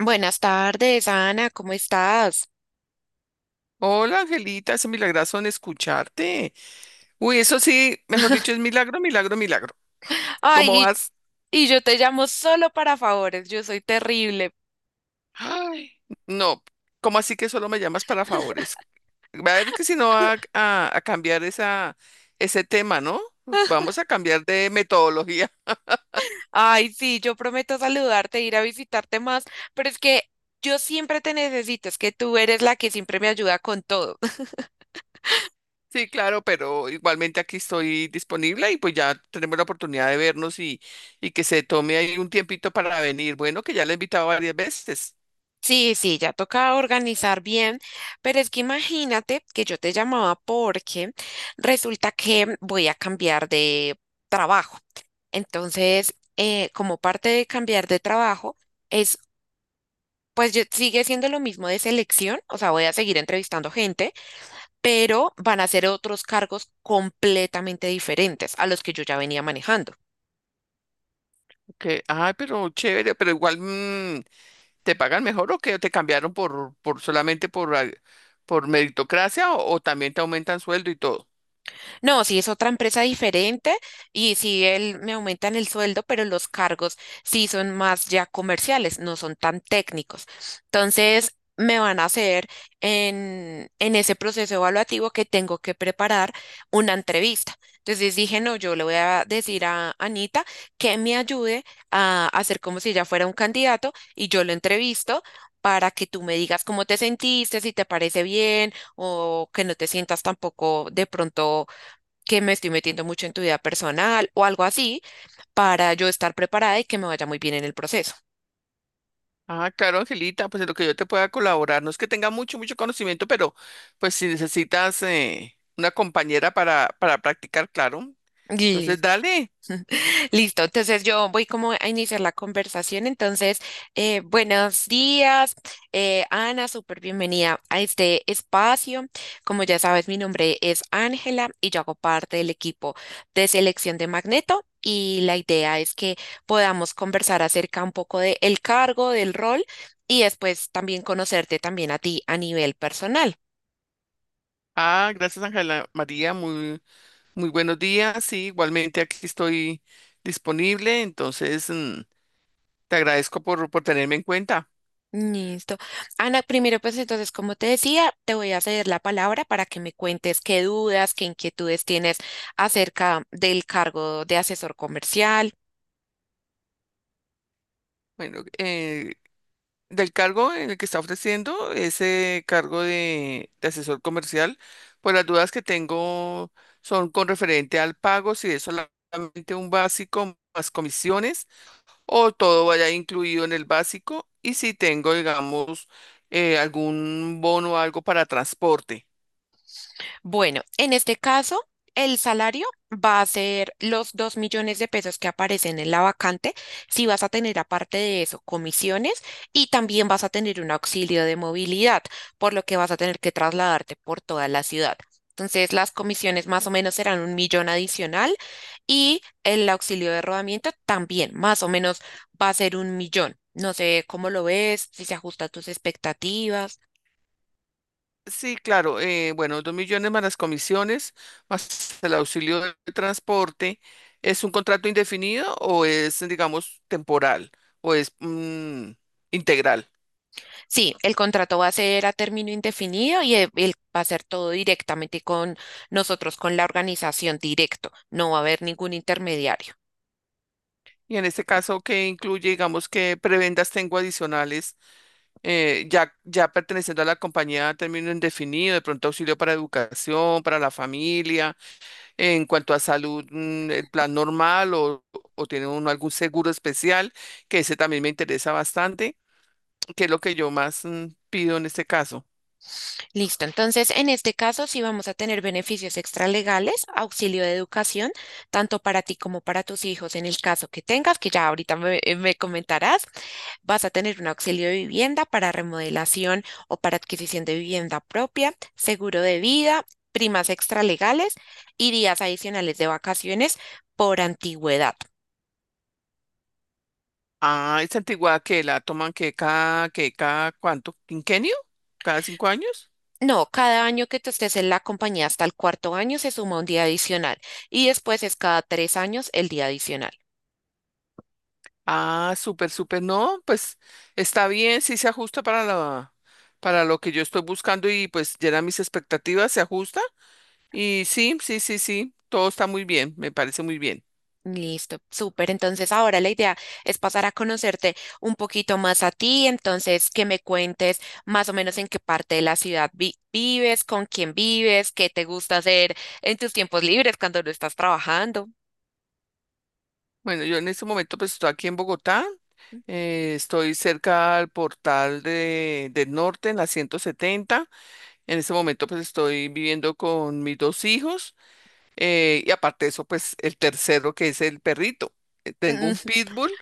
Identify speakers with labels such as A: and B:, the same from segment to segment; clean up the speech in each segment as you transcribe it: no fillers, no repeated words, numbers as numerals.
A: Buenas tardes, Ana, ¿cómo estás?
B: Hola, Angelita, es un milagrazo en escucharte. Uy, eso sí, mejor dicho, es milagro, milagro, milagro. ¿Cómo
A: Ay,
B: vas?
A: y yo te llamo solo para favores, yo soy terrible.
B: Ay, no, ¿cómo así que solo me llamas para favores? Va a ver que si no va a cambiar ese tema, ¿no? Vamos a cambiar de metodología.
A: Ay, sí, yo prometo saludarte, ir a visitarte más, pero es que yo siempre te necesito, es que tú eres la que siempre me ayuda con todo.
B: Sí, claro, pero igualmente aquí estoy disponible y pues ya tenemos la oportunidad de vernos y que se tome ahí un tiempito para venir. Bueno, que ya la he invitado varias veces.
A: Sí, sí, ya toca organizar bien, pero es que imagínate que yo te llamaba porque resulta que voy a cambiar de trabajo. Entonces, como parte de cambiar de trabajo, es, pues sigue siendo lo mismo de selección, o sea, voy a seguir entrevistando gente, pero van a ser otros cargos completamente diferentes a los que yo ya venía manejando.
B: Que, ay, pero chévere, pero igual, ¿te pagan mejor o que te cambiaron por solamente por meritocracia o también te aumentan sueldo y todo?
A: No, si es otra empresa diferente y si él me aumentan el sueldo, pero los cargos sí son más ya comerciales, no son tan técnicos. Entonces, me van a hacer en ese proceso evaluativo que tengo que preparar una entrevista. Entonces dije, no, yo le voy a decir a Anita que me ayude a hacer como si ella fuera un candidato y yo lo entrevisto para que tú me digas cómo te sentiste, si te parece bien o que no te sientas tampoco de pronto que me estoy metiendo mucho en tu vida personal o algo así para yo estar preparada y que me vaya muy bien en el proceso.
B: Ah, claro, Angelita, pues en lo que yo te pueda colaborar, no es que tenga mucho, mucho conocimiento, pero pues si necesitas una compañera para practicar, claro. Entonces,
A: Lis-
B: dale.
A: Listo, entonces yo voy como a iniciar la conversación. Entonces, buenos días, Ana, súper bienvenida a este espacio. Como ya sabes, mi nombre es Ángela y yo hago parte del equipo de selección de Magneto y la idea es que podamos conversar acerca un poco del cargo, del rol y después también conocerte también a ti a nivel personal.
B: Ah, gracias, Ángela María, muy, muy buenos días. Sí, igualmente aquí estoy disponible, entonces te agradezco por tenerme en cuenta.
A: Listo. Ana, primero pues entonces, como te decía, te voy a ceder la palabra para que me cuentes qué dudas, qué inquietudes tienes acerca del cargo de asesor comercial.
B: Bueno, del cargo en el que está ofreciendo ese cargo de asesor comercial, pues las dudas que tengo son con referente al pago, si es solamente un básico más comisiones o todo vaya incluido en el básico y si tengo, digamos, algún bono o algo para transporte.
A: Bueno, en este caso, el salario va a ser los 2 millones de pesos que aparecen en la vacante. Si vas a tener aparte de eso comisiones y también vas a tener un auxilio de movilidad, por lo que vas a tener que trasladarte por toda la ciudad. Entonces, las comisiones más o menos serán 1 millón adicional. Y el auxilio de rodamiento también, más o menos, va a ser 1 millón. No sé cómo lo ves, si se ajusta a tus expectativas.
B: Sí, claro. Bueno, 2 millones más las comisiones, más el auxilio de transporte. ¿Es un contrato indefinido o es, digamos, temporal o es, integral?
A: Sí, el contrato va a ser a término indefinido y va a ser todo directamente con nosotros, con la organización directo. No va a haber ningún intermediario.
B: Y en este caso, ¿qué incluye, digamos, qué prebendas tengo adicionales, ya perteneciendo a la compañía a término indefinido, de pronto auxilio para educación, para la familia, en cuanto a salud, el plan normal o tiene uno algún seguro especial, que ese también me interesa bastante, que es lo que yo más pido en este caso.
A: Listo, entonces en este caso sí vamos a tener beneficios extralegales, auxilio de educación, tanto para ti como para tus hijos en el caso que tengas, que ya ahorita me comentarás. Vas a tener un auxilio de vivienda para remodelación o para adquisición de vivienda propia, seguro de vida, primas extralegales y días adicionales de vacaciones por antigüedad.
B: Ah, esa antigüedad que la toman, que cada, cuánto, ¿quinquenio, cada 5 años?
A: No, cada año que tú estés en la compañía hasta el cuarto año se suma un día adicional y después es cada 3 años el día adicional.
B: Ah, súper, súper, no, pues está bien, sí se ajusta para lo que yo estoy buscando y pues llena mis expectativas, se ajusta. Y sí, sí, sí, sí, todo está muy bien, me parece muy bien.
A: Listo, súper. Entonces ahora la idea es pasar a conocerte un poquito más a ti, entonces que me cuentes más o menos en qué parte de la ciudad vives, con quién vives, qué te gusta hacer en tus tiempos libres cuando no estás trabajando.
B: Bueno, yo en este momento pues estoy aquí en Bogotá. Estoy cerca al portal del norte, en la 170. En este momento pues estoy viviendo con mis dos hijos y, aparte de eso, pues el tercero, que es el perrito. Tengo un
A: Mm.
B: pitbull,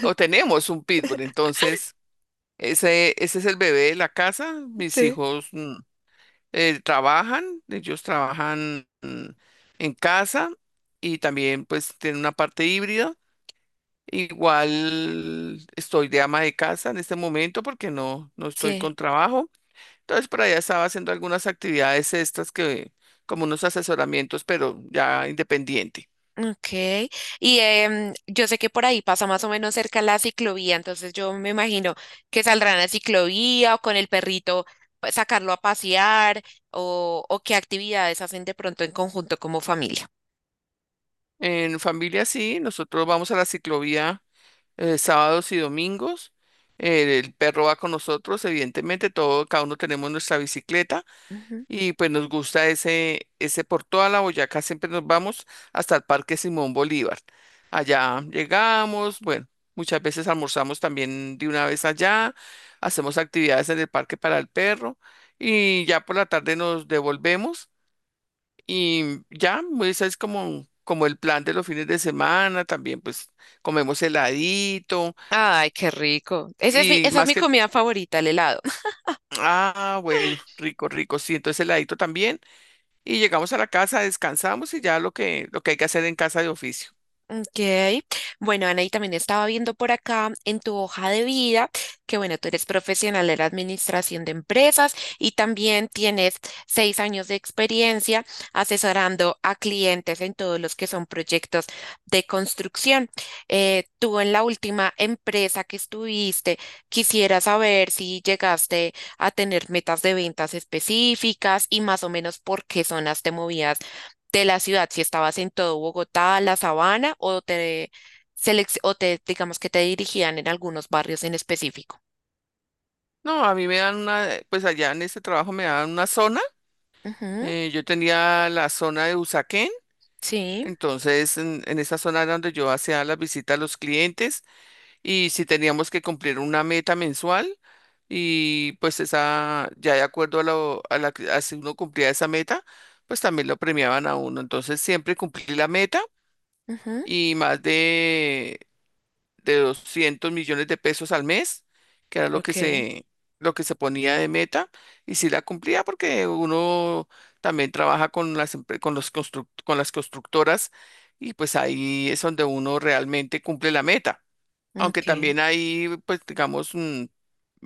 B: o tenemos un pitbull. Entonces ese es el bebé de la casa. Mis
A: Sí.
B: hijos, ellos trabajan, en casa, y también pues tienen una parte híbrida. Igual estoy de ama de casa en este momento porque no estoy
A: Sí,
B: con trabajo. Entonces por allá estaba haciendo algunas actividades, estas que como unos asesoramientos, pero ya independiente.
A: ok. Y yo sé que por ahí pasa más o menos cerca la ciclovía, entonces yo me imagino que saldrán a ciclovía o con el perrito pues, sacarlo a pasear o qué actividades hacen de pronto en conjunto como familia.
B: En familia sí, nosotros vamos a la ciclovía sábados y domingos. El perro va con nosotros, evidentemente. Todo, cada uno tenemos nuestra bicicleta.
A: Ujú.
B: Y pues nos gusta ese por toda la Boyacá, siempre nos vamos hasta el Parque Simón Bolívar. Allá llegamos. Bueno, muchas veces almorzamos también de una vez allá, hacemos actividades en el parque para el perro, y ya por la tarde nos devolvemos. Y ya, pues, ese es como, el plan de los fines de semana. También pues comemos heladito.
A: Ay, qué rico. Ese es mi,
B: Y
A: esa es
B: más
A: mi
B: que,
A: comida favorita, el helado.
B: ah, bueno, rico, rico, sí, entonces heladito también. Y llegamos a la casa, descansamos y ya lo que, hay que hacer en casa de oficio.
A: Ok. Bueno, Ana, y también estaba viendo por acá en tu hoja de vida que, bueno, tú eres profesional de la administración de empresas y también tienes 6 años de experiencia asesorando a clientes en todos los que son proyectos de construcción. Tú en la última empresa que estuviste, quisiera saber si llegaste a tener metas de ventas específicas y más o menos por qué zonas te movías de la ciudad, si estabas en todo Bogotá, la Sabana, o te, o te digamos que te dirigían en algunos barrios en específico.
B: No, a mí me dan una, pues allá en este trabajo me dan una zona.
A: Ujú,
B: Yo tenía la zona de Usaquén,
A: sí,
B: entonces en esa zona era donde yo hacía las visitas a los clientes, y si teníamos que cumplir una meta mensual, y pues esa, ya de acuerdo a lo, a la, que- a si uno cumplía esa meta, pues también lo premiaban a uno. Entonces siempre cumplí la meta,
A: ujú,
B: y más de 200 millones de pesos al mes, que era lo que
A: ok,
B: se, ponía de meta. Y si la cumplía porque uno también trabaja con las, empre- con los construct- con las constructoras, y pues ahí es donde uno realmente cumple la meta. Aunque
A: ok,
B: también hay, pues, digamos, mm,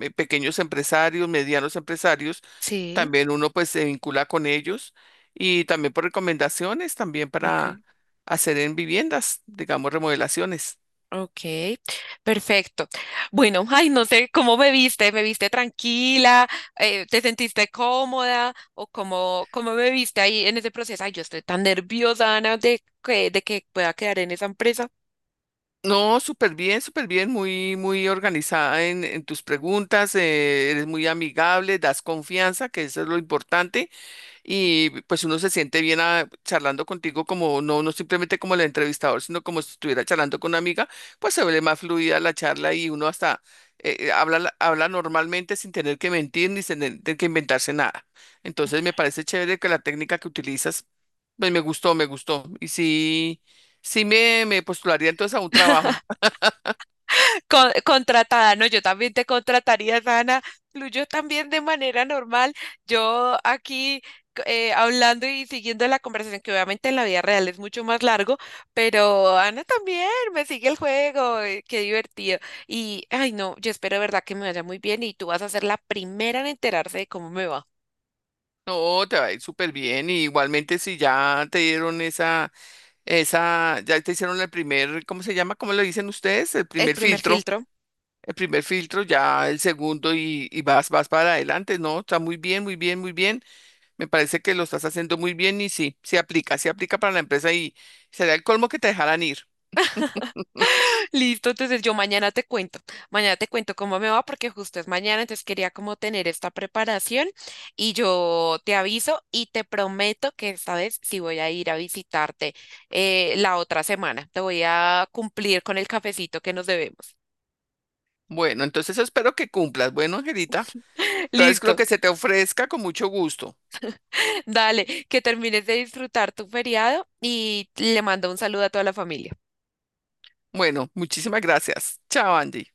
B: eh, pequeños empresarios, medianos empresarios.
A: sí,
B: También uno pues se vincula con ellos, y también por recomendaciones, también
A: ok,
B: para hacer en viviendas, digamos, remodelaciones.
A: ok, perfecto. Bueno, ay, no sé cómo me viste tranquila. Te sentiste cómoda o cómo, cómo me viste ahí en ese proceso. Ay, yo estoy tan nerviosa, Ana, de que, pueda quedar en esa empresa.
B: No, súper bien, muy, muy organizada en tus preguntas. Eres muy amigable, das confianza, que eso es lo importante, y pues uno se siente bien charlando contigo como no, simplemente como el entrevistador, sino como si estuviera charlando con una amiga. Pues se ve más fluida la charla, y uno hasta habla normalmente sin tener que mentir ni sin tener que inventarse nada. Entonces me parece chévere que la técnica que utilizas, pues me gustó, me gustó. Y sí, sí me postularía entonces a un trabajo.
A: Contratada, no, yo también te contrataría, Dana. Fluyó también de manera normal. Yo aquí hablando y siguiendo la conversación, que obviamente en la vida real es mucho más largo, pero Ana también me sigue el juego. Qué divertido. Y, ay, no, yo espero de verdad que me vaya muy bien y tú vas a ser la primera en enterarse de cómo me va.
B: No, te va a ir súper bien. Y igualmente, si ya te dieron ya te hicieron el primer, ¿cómo se llama? ¿Cómo le dicen ustedes? El
A: El
B: primer
A: primer
B: filtro.
A: filtro.
B: El primer filtro, ya el segundo, y vas, para adelante, ¿no? Está muy bien, muy bien, muy bien. Me parece que lo estás haciendo muy bien, y sí, se aplica, para la empresa, y sería el colmo que te dejaran ir.
A: Listo, entonces yo mañana te cuento cómo me va porque justo es mañana, entonces quería como tener esta preparación y yo te aviso y te prometo que esta vez sí voy a ir a visitarte la otra semana, te voy a cumplir con el cafecito que nos debemos.
B: Bueno, entonces espero que cumplas. Bueno, Angelita, entonces lo
A: Listo,
B: que se te ofrezca con mucho gusto.
A: dale, que termines de disfrutar tu feriado y le mando un saludo a toda la familia.
B: Bueno, muchísimas gracias. Chao, Andy.